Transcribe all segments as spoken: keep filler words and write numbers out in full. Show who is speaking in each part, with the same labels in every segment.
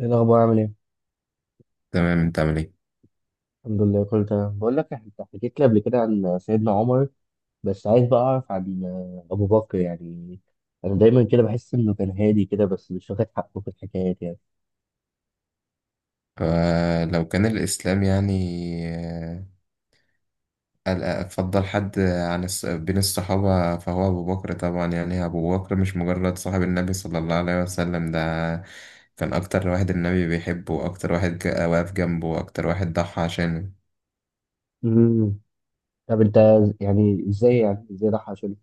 Speaker 1: ايه الاخبار؟ عامل ايه؟
Speaker 2: تمام، انت عامل ايه؟
Speaker 1: الحمد لله كله تمام. بقول لك، انت حكيت لي قبل كده عن سيدنا عمر، بس عايز بقى اعرف عن ابو بكر يعني. انا دايما كده بحس انه كان هادي كده بس مش واخد حقه في الحكايات يعني.
Speaker 2: فلو كان الاسلام يعني آه، قال- افضل حد عن الص- بين الصحابه فهو ابو بكر. طبعا يعني ابو بكر مش مجرد صاحب النبي صلى الله عليه وسلم، ده كان اكتر واحد النبي بيحبه، واكتر واحد جا- واقف جنبه، واكتر واحد ضحى عشانه.
Speaker 1: امم طب انت يعني ازاي، يعني ازاي ده حصل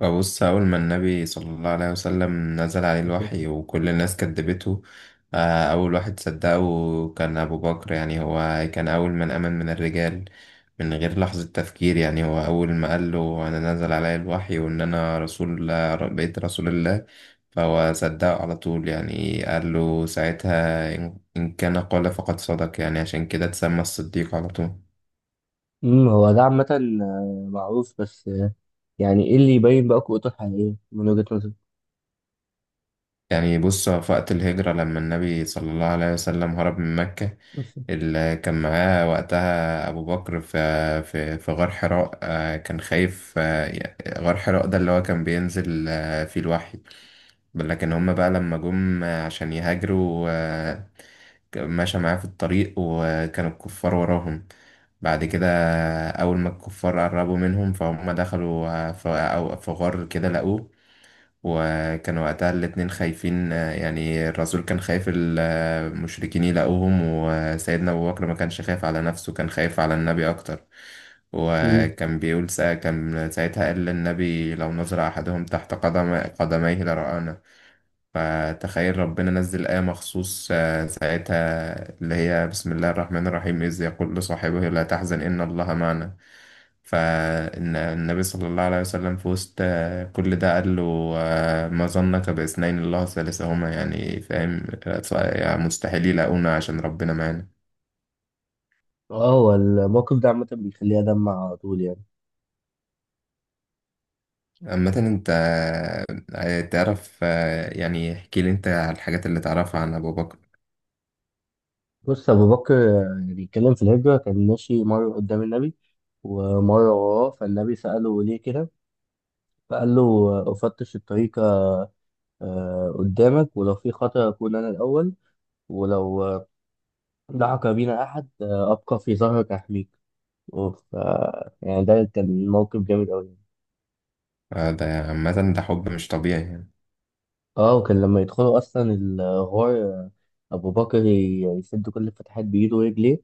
Speaker 2: فبص، أول ما النبي صلى الله عليه وسلم نزل عليه
Speaker 1: اساسا؟
Speaker 2: الوحي وكل الناس كدبته، آه، أول واحد صدقه كان أبو بكر. يعني هو كان أول من آمن من الرجال، من غير لحظة تفكير. يعني هو أول ما قال له أنا نزل علي الوحي وإن أنا رسول، بقيت رسول الله، فهو صدقه على طول. يعني قال له ساعتها إن إن كان قال فقد صدق. يعني عشان كده اتسمى الصديق على طول.
Speaker 1: امم هو ده عامه آه، معروف بس، آه، يعني ايه اللي يبين بقى قوته الحقيقيه من وجهة نظرك؟
Speaker 2: يعني بص، في وقت الهجرة لما النبي صلى الله عليه وسلم هرب من مكة،
Speaker 1: أوكي.
Speaker 2: اللي كان معاه وقتها أبو بكر، في في في غار حراء، آه، كان خايف. آه، ي- غار حراء ده اللي هو كان بينزل آه، فيه الوحي. لكن هما بقى لما جم آه، عشان يهاجروا، آه، ك- مشى معاه في الطريق وكانوا الكفار وراهم. بعد كده أول ما الكفار قربوا منهم، فهم دخلوا آه، في أو- في غار كده لقوه. وكان وقتها الاتنين خايفين، آه، يعني الرسول كان خايف المشركين يلاقوهم، وسيدنا أبو بكر ما كانش خايف على نفسه، كان خايف على النبي أكتر.
Speaker 1: امم.
Speaker 2: وكان بيقول سا كان ساعتها قال للنبي لو نظر أحدهم تحت قدم قدميه لرآنا. فتخيل ربنا نزل آية مخصوص آه، ساعتها، اللي هي بسم الله الرحمن الرحيم، إذ يقول لصاحبه لا تحزن إن الله معنا. فالنبي صلى الله عليه وسلم في وسط آه، كل ده قال له آه، ما ظنك باثنين الله ثالثهما. يعني فاهم، يعني مستحيل يلاقونا عشان ربنا معانا.
Speaker 1: اه، هو الموقف ده عامه بيخليها دمع على طول يعني.
Speaker 2: عامة انت آه، تعرف، آه، يعني احكي لي انت على الحاجات اللي تعرفها عن ابو بكر.
Speaker 1: بص، أبو بكر آه، بيتكلم في الهجرة كان ماشي مرة قدام النبي ومرة وراه، فالنبي سأله ليه كده. فقال له: آه، أفتش الطريق آه، قدامك، ولو في خطر أكون أنا الأول، ولو آه، دعك بينا أحد آه، أبقى في ظهرك أحميك. ف يعني ده كان موقف جامد أوي.
Speaker 2: آه، ده عامة ده حب مش طبيعي يعني.
Speaker 1: اه، وكان لما يدخلوا أصلا الغار، آه، أبو بكر ي- يسد كل الفتحات بإيده ورجليه،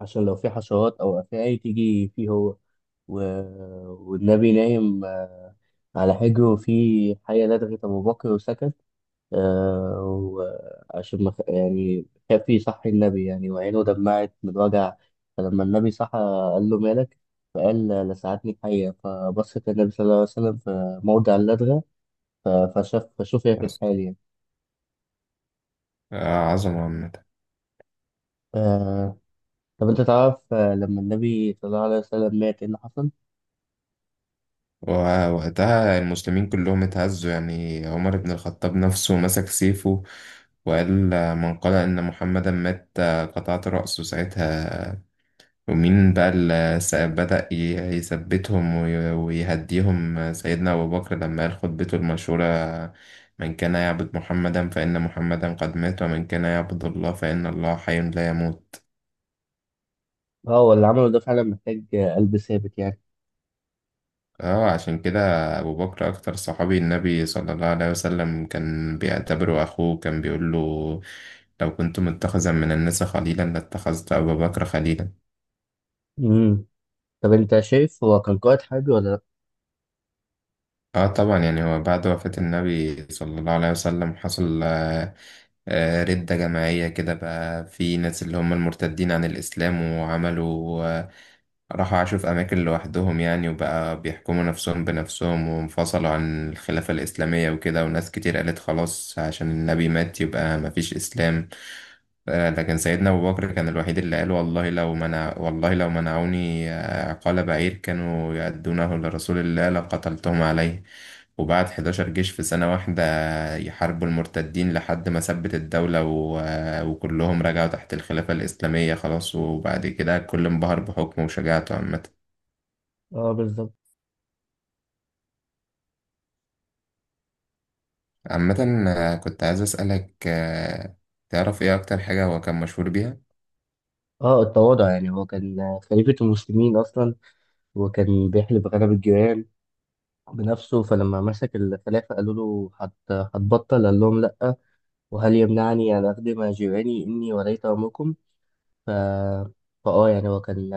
Speaker 1: عشان لو في حشرات أو أفاعي تيجي فيه هو. و... والنبي نايم آه، على حجره، وفي حية لدغت أبو بكر وسكت، آه، وعشان ما خ- يعني خاف يصحي النبي يعني، وعينه دمعت من الوجع. فلما النبي صحى قال له: مالك؟ فقال: لسعتني الحية. فبصت النبي صلى الله عليه وسلم في موضع اللدغة، ف- فشاف فشوف هي في
Speaker 2: بس.
Speaker 1: الحال يعني.
Speaker 2: آه، عظمة عامة.
Speaker 1: آه، طب أنت تعرف، آه، لما النبي صلى الله عليه وسلم مات إيه اللي حصل؟
Speaker 2: ووقتها المسلمين كلهم اتهزوا. يعني عمر بن الخطاب نفسه مسك سيفه وقال آه، من قال إن محمدا مات آه، قطعت رأسه ساعتها. ومين بقى اللي س- بدأ ي- يثبتهم وي- ويهديهم؟ آه، سيدنا أبو بكر، لما قال خطبته المشهورة آه، من كان يعبد محمدا فإن محمدا قد مات، ومن كان يعبد الله فإن الله حي لا يموت.
Speaker 1: اه، هو اللي عمله ده فعلا محتاج قلب ثابت يعني.
Speaker 2: اه عشان كده ابو بكر اكتر صحابي النبي صلى الله عليه وسلم كان بيعتبره اخوه. كان بيقول له لو كنت متخذا من الناس خليلا لاتخذت ابا بكر خليلا.
Speaker 1: امم. طب انت شايف هو كان قائد حربي ولا لا؟
Speaker 2: اه طبعا، يعني هو بعد وفاة النبي صلى الله عليه وسلم حصل آه، آه، ردة جماعية كده. بقى في ناس اللي هم المرتدين عن الاسلام، وعملوا، راحوا عاشوا في أماكن لوحدهم يعني، وبقى بيحكموا نفسهم بنفسهم، وانفصلوا عن الخلافة الإسلامية وكده. وناس كتير قالت خلاص، عشان النبي مات يبقى مفيش إسلام. آه، لكن سيدنا أبو بكر كان الوحيد اللي قال والله لو منع والله لو منعوني آه، عقال بعير كانوا يؤدونه لرسول الله لقتلتهم عليه. وبعت حداشر جيش في سنة واحدة يحاربوا المرتدين لحد ما ثبت الدولة و... وكلهم رجعوا تحت الخلافة الإسلامية خلاص. وبعد كده الكل انبهر بحكمه وشجاعته عامة
Speaker 1: اه بالظبط.
Speaker 2: عامة آه، كنت عايز أسألك، آه، تعرف إيه أكتر حاجة هو كان مشهور بيها؟
Speaker 1: اه، التواضع. يعني هو كان خليفة المسلمين اصلا وكان بيحلف غنم الجيران بنفسه، فلما مسك الخلافة قالوا له هت- هتبطل؟ قال لهم: لأ، وهل يمنعني أن أخدم جيراني إني وليت أمركم؟ ف... فآه يعني هو كان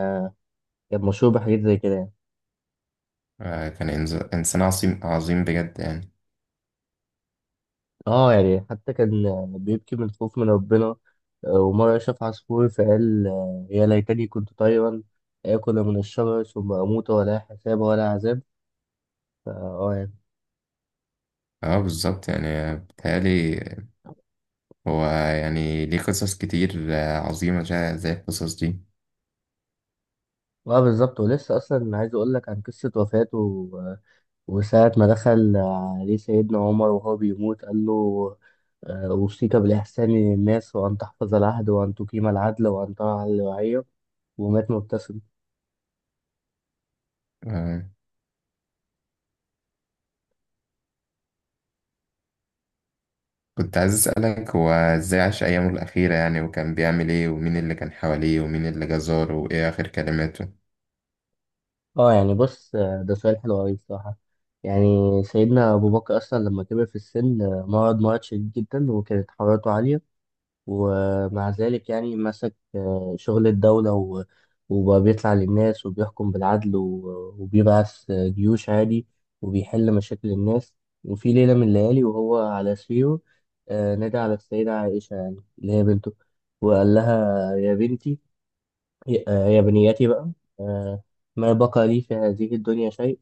Speaker 1: كان مشهور بحاجات زي كده يعني.
Speaker 2: آه، كان إنز- إنسان عظيم عظيم بجد يعني.
Speaker 1: اه، يعني حتى كان بيبكي من الخوف من ربنا، آه، ومرة شاف عصفور فقال: آه، يا ليتني كنت طيرا آكل من الشجر ثم أموت ولا حساب ولا عذاب. فا اه يعني.
Speaker 2: اه بالظبط. يعني آه، بيتهيألي هو يعني ليه قصص كتير آه، عظيمة، شا- زي القصص دي.
Speaker 1: اه بالظبط، ولسه أصلا عايز أقول لك عن قصة وفاته. آه، وساعة ما دخل عليه سيدنا عمر وهو بيموت قال له: آه، أوصيك بالإحسان للناس، وأن تحفظ العهد، وأن تقيم العدل، وأن ترعى الرعية. ومات مبتسم.
Speaker 2: آه، كنت عايز أسألك هو إزاي عاش أيامه الأخيرة يعني، وكان بيعمل إيه، ومين اللي كان حواليه، ومين اللي جزاره، وإيه آخر كلماته؟
Speaker 1: اه يعني. بص، آه، ده سؤال حلو أوي بصراحة. يعني سيدنا أبو بكر أصلا لما كبر في السن آه، مرض مرض شديد جدا وكانت حرارته عالية، ومع ذلك يعني مسك آه، شغل الدولة، و- وبقى بيطلع للناس وبيحكم بالعدل، و- وبيبعث آه، جيوش عادي، وبيحل مشاكل الناس. وفي ليلة من الليالي وهو على سريره آه، نادى على السيدة عائشة يعني اللي هي بنته، وقال لها: يا بنتي، ي- آه، يا بنياتي بقى، آه، ما بقى لي في هذه الدنيا شيء.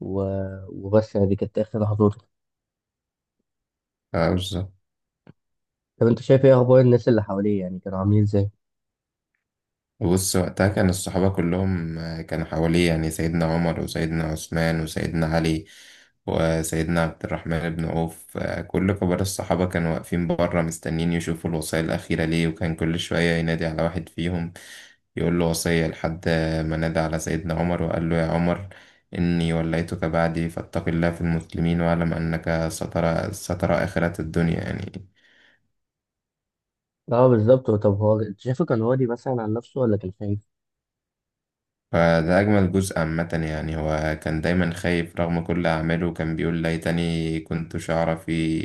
Speaker 1: و... وبس يعني، دي كانت آخر لحظاته.
Speaker 2: اه بالظبط.
Speaker 1: طب أنت شايف إيه أخبار الناس اللي حواليه؟ يعني كانوا عاملين إزاي؟
Speaker 2: بص، وقتها كان الصحابة كلهم آه، كانوا حواليه. يعني سيدنا عمر وسيدنا عثمان وسيدنا علي وسيدنا عبد الرحمن بن عوف، آه، كل كبار الصحابة كانوا واقفين بره مستنيين يشوفوا الوصية الأخيرة ليه. وكان كل شوية ينادي على واحد فيهم يقول له وصية، لحد ما نادى على سيدنا عمر وقال له يا عمر، إني وليتك بعدي فاتق الله في المسلمين، واعلم أنك سترى سترى آخرة الدنيا يعني.
Speaker 1: أه بالظبط. طب هو أنت شايفه كان راضي مثلا عن نفسه ولا كان خايف؟
Speaker 2: فده أجمل جزء عامة. يعني هو كان دايما خايف رغم كل أعماله. كان بيقول ليتني كنت شعرة في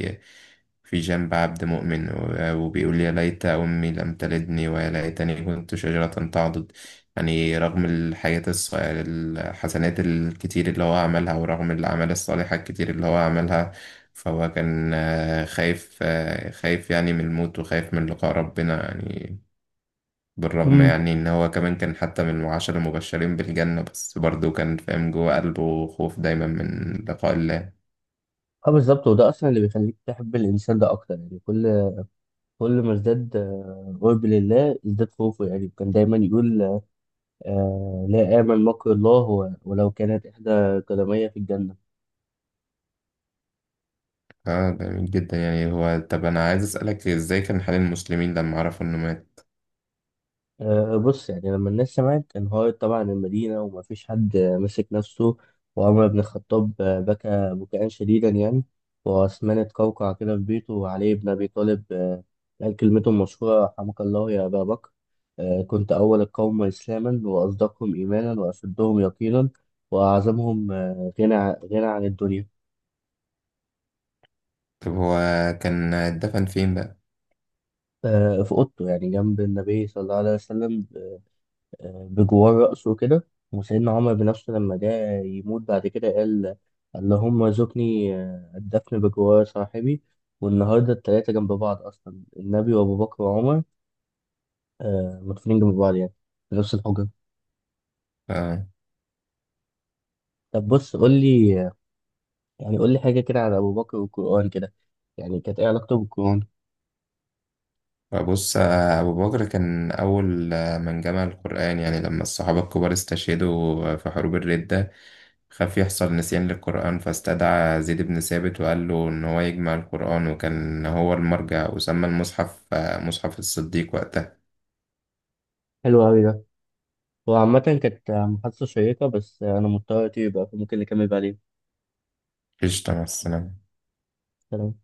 Speaker 2: في جنب عبد مؤمن، و- وبيقول يا ليت أمي لم تلدني، ويا ليتني كنت شجرة تعضد. يعني رغم الحاجات الص- الحسنات الكتير اللي هو عملها، ورغم الأعمال الصالحة الكتير اللي هو عملها، فهو كان آه، خايف، آه، خايف يعني من الموت، وخايف من لقاء ربنا يعني. بالرغم
Speaker 1: امم.
Speaker 2: يعني إن هو كمان كان حتى من العشرة المبشرين بالجنة، بس برضه كان فاهم جوه قلبه خوف دايما من لقاء الله.
Speaker 1: أه بالظبط، وده أصلا اللي بيخليك تحب الإنسان ده أكتر. يعني كل كل ما ازداد آه، قرب لله ازداد خوفه يعني. كان دايما يقول: آه، لا آمن مكر الله و- ولو كانت إحدى قدمي في الجنة.
Speaker 2: اه جميل جدا. يعني هو طب أنا عايز أسألك إزاي كان حال المسلمين لما عرفوا إنه مات؟
Speaker 1: أه، بص يعني لما الناس سمعت انهارت طبعا المدينة، ومفيش حد أه، مسك نفسه. وعمر بن الخطاب أه، بكى بكاء شديدا يعني، وعثمان اتقوقع كده في بيته، وعلي بن أبي طالب أه، قال كلمته المشهورة: رحمك الله يا أبا بكر، أه، كنت أول القوم إسلاما، وأصدقهم إيمانا، وأشدهم يقينا، وأعظمهم أه، غنى ع- غنى عن الدنيا.
Speaker 2: طب هو كان اتدفن فين بقى؟
Speaker 1: أه، في أوضته يعني، جنب النبي صلى الله عليه وسلم، بجوار رأسه كده. وسيدنا عمر بنفسه لما جاء يموت بعد كده قال: اللهم ارزقني آه، الدفن بجوار صاحبي. والنهارده التلاتة جنب بعض أصلا: النبي وأبو بكر وعمر آه، مدفونين جنب بعض يعني، في نفس الحجرة.
Speaker 2: اه
Speaker 1: طب بص، قول لي يعني، قول لي حاجة كده على أبو بكر والقرآن كده، يعني كانت إيه علاقته بالقرآن؟
Speaker 2: بص، آه، أبو بكر كان أول، آه، من جمع القرآن. يعني لما الصحابة الكبار استشهدوا في حروب الردة، خاف يحصل نسيان للقرآن، فاستدعى زيد بن ثابت وقال له إن هو يجمع القرآن، وكان هو المرجع، وسمى المصحف آه، مصحف الصديق وقتها.
Speaker 1: حلو أوي ده. هو عامة كانت محادثة شيقة بس أنا مضطر أطير بقى، فممكن نكمل بعدين.
Speaker 2: قشطة، مع السلامة
Speaker 1: سلام.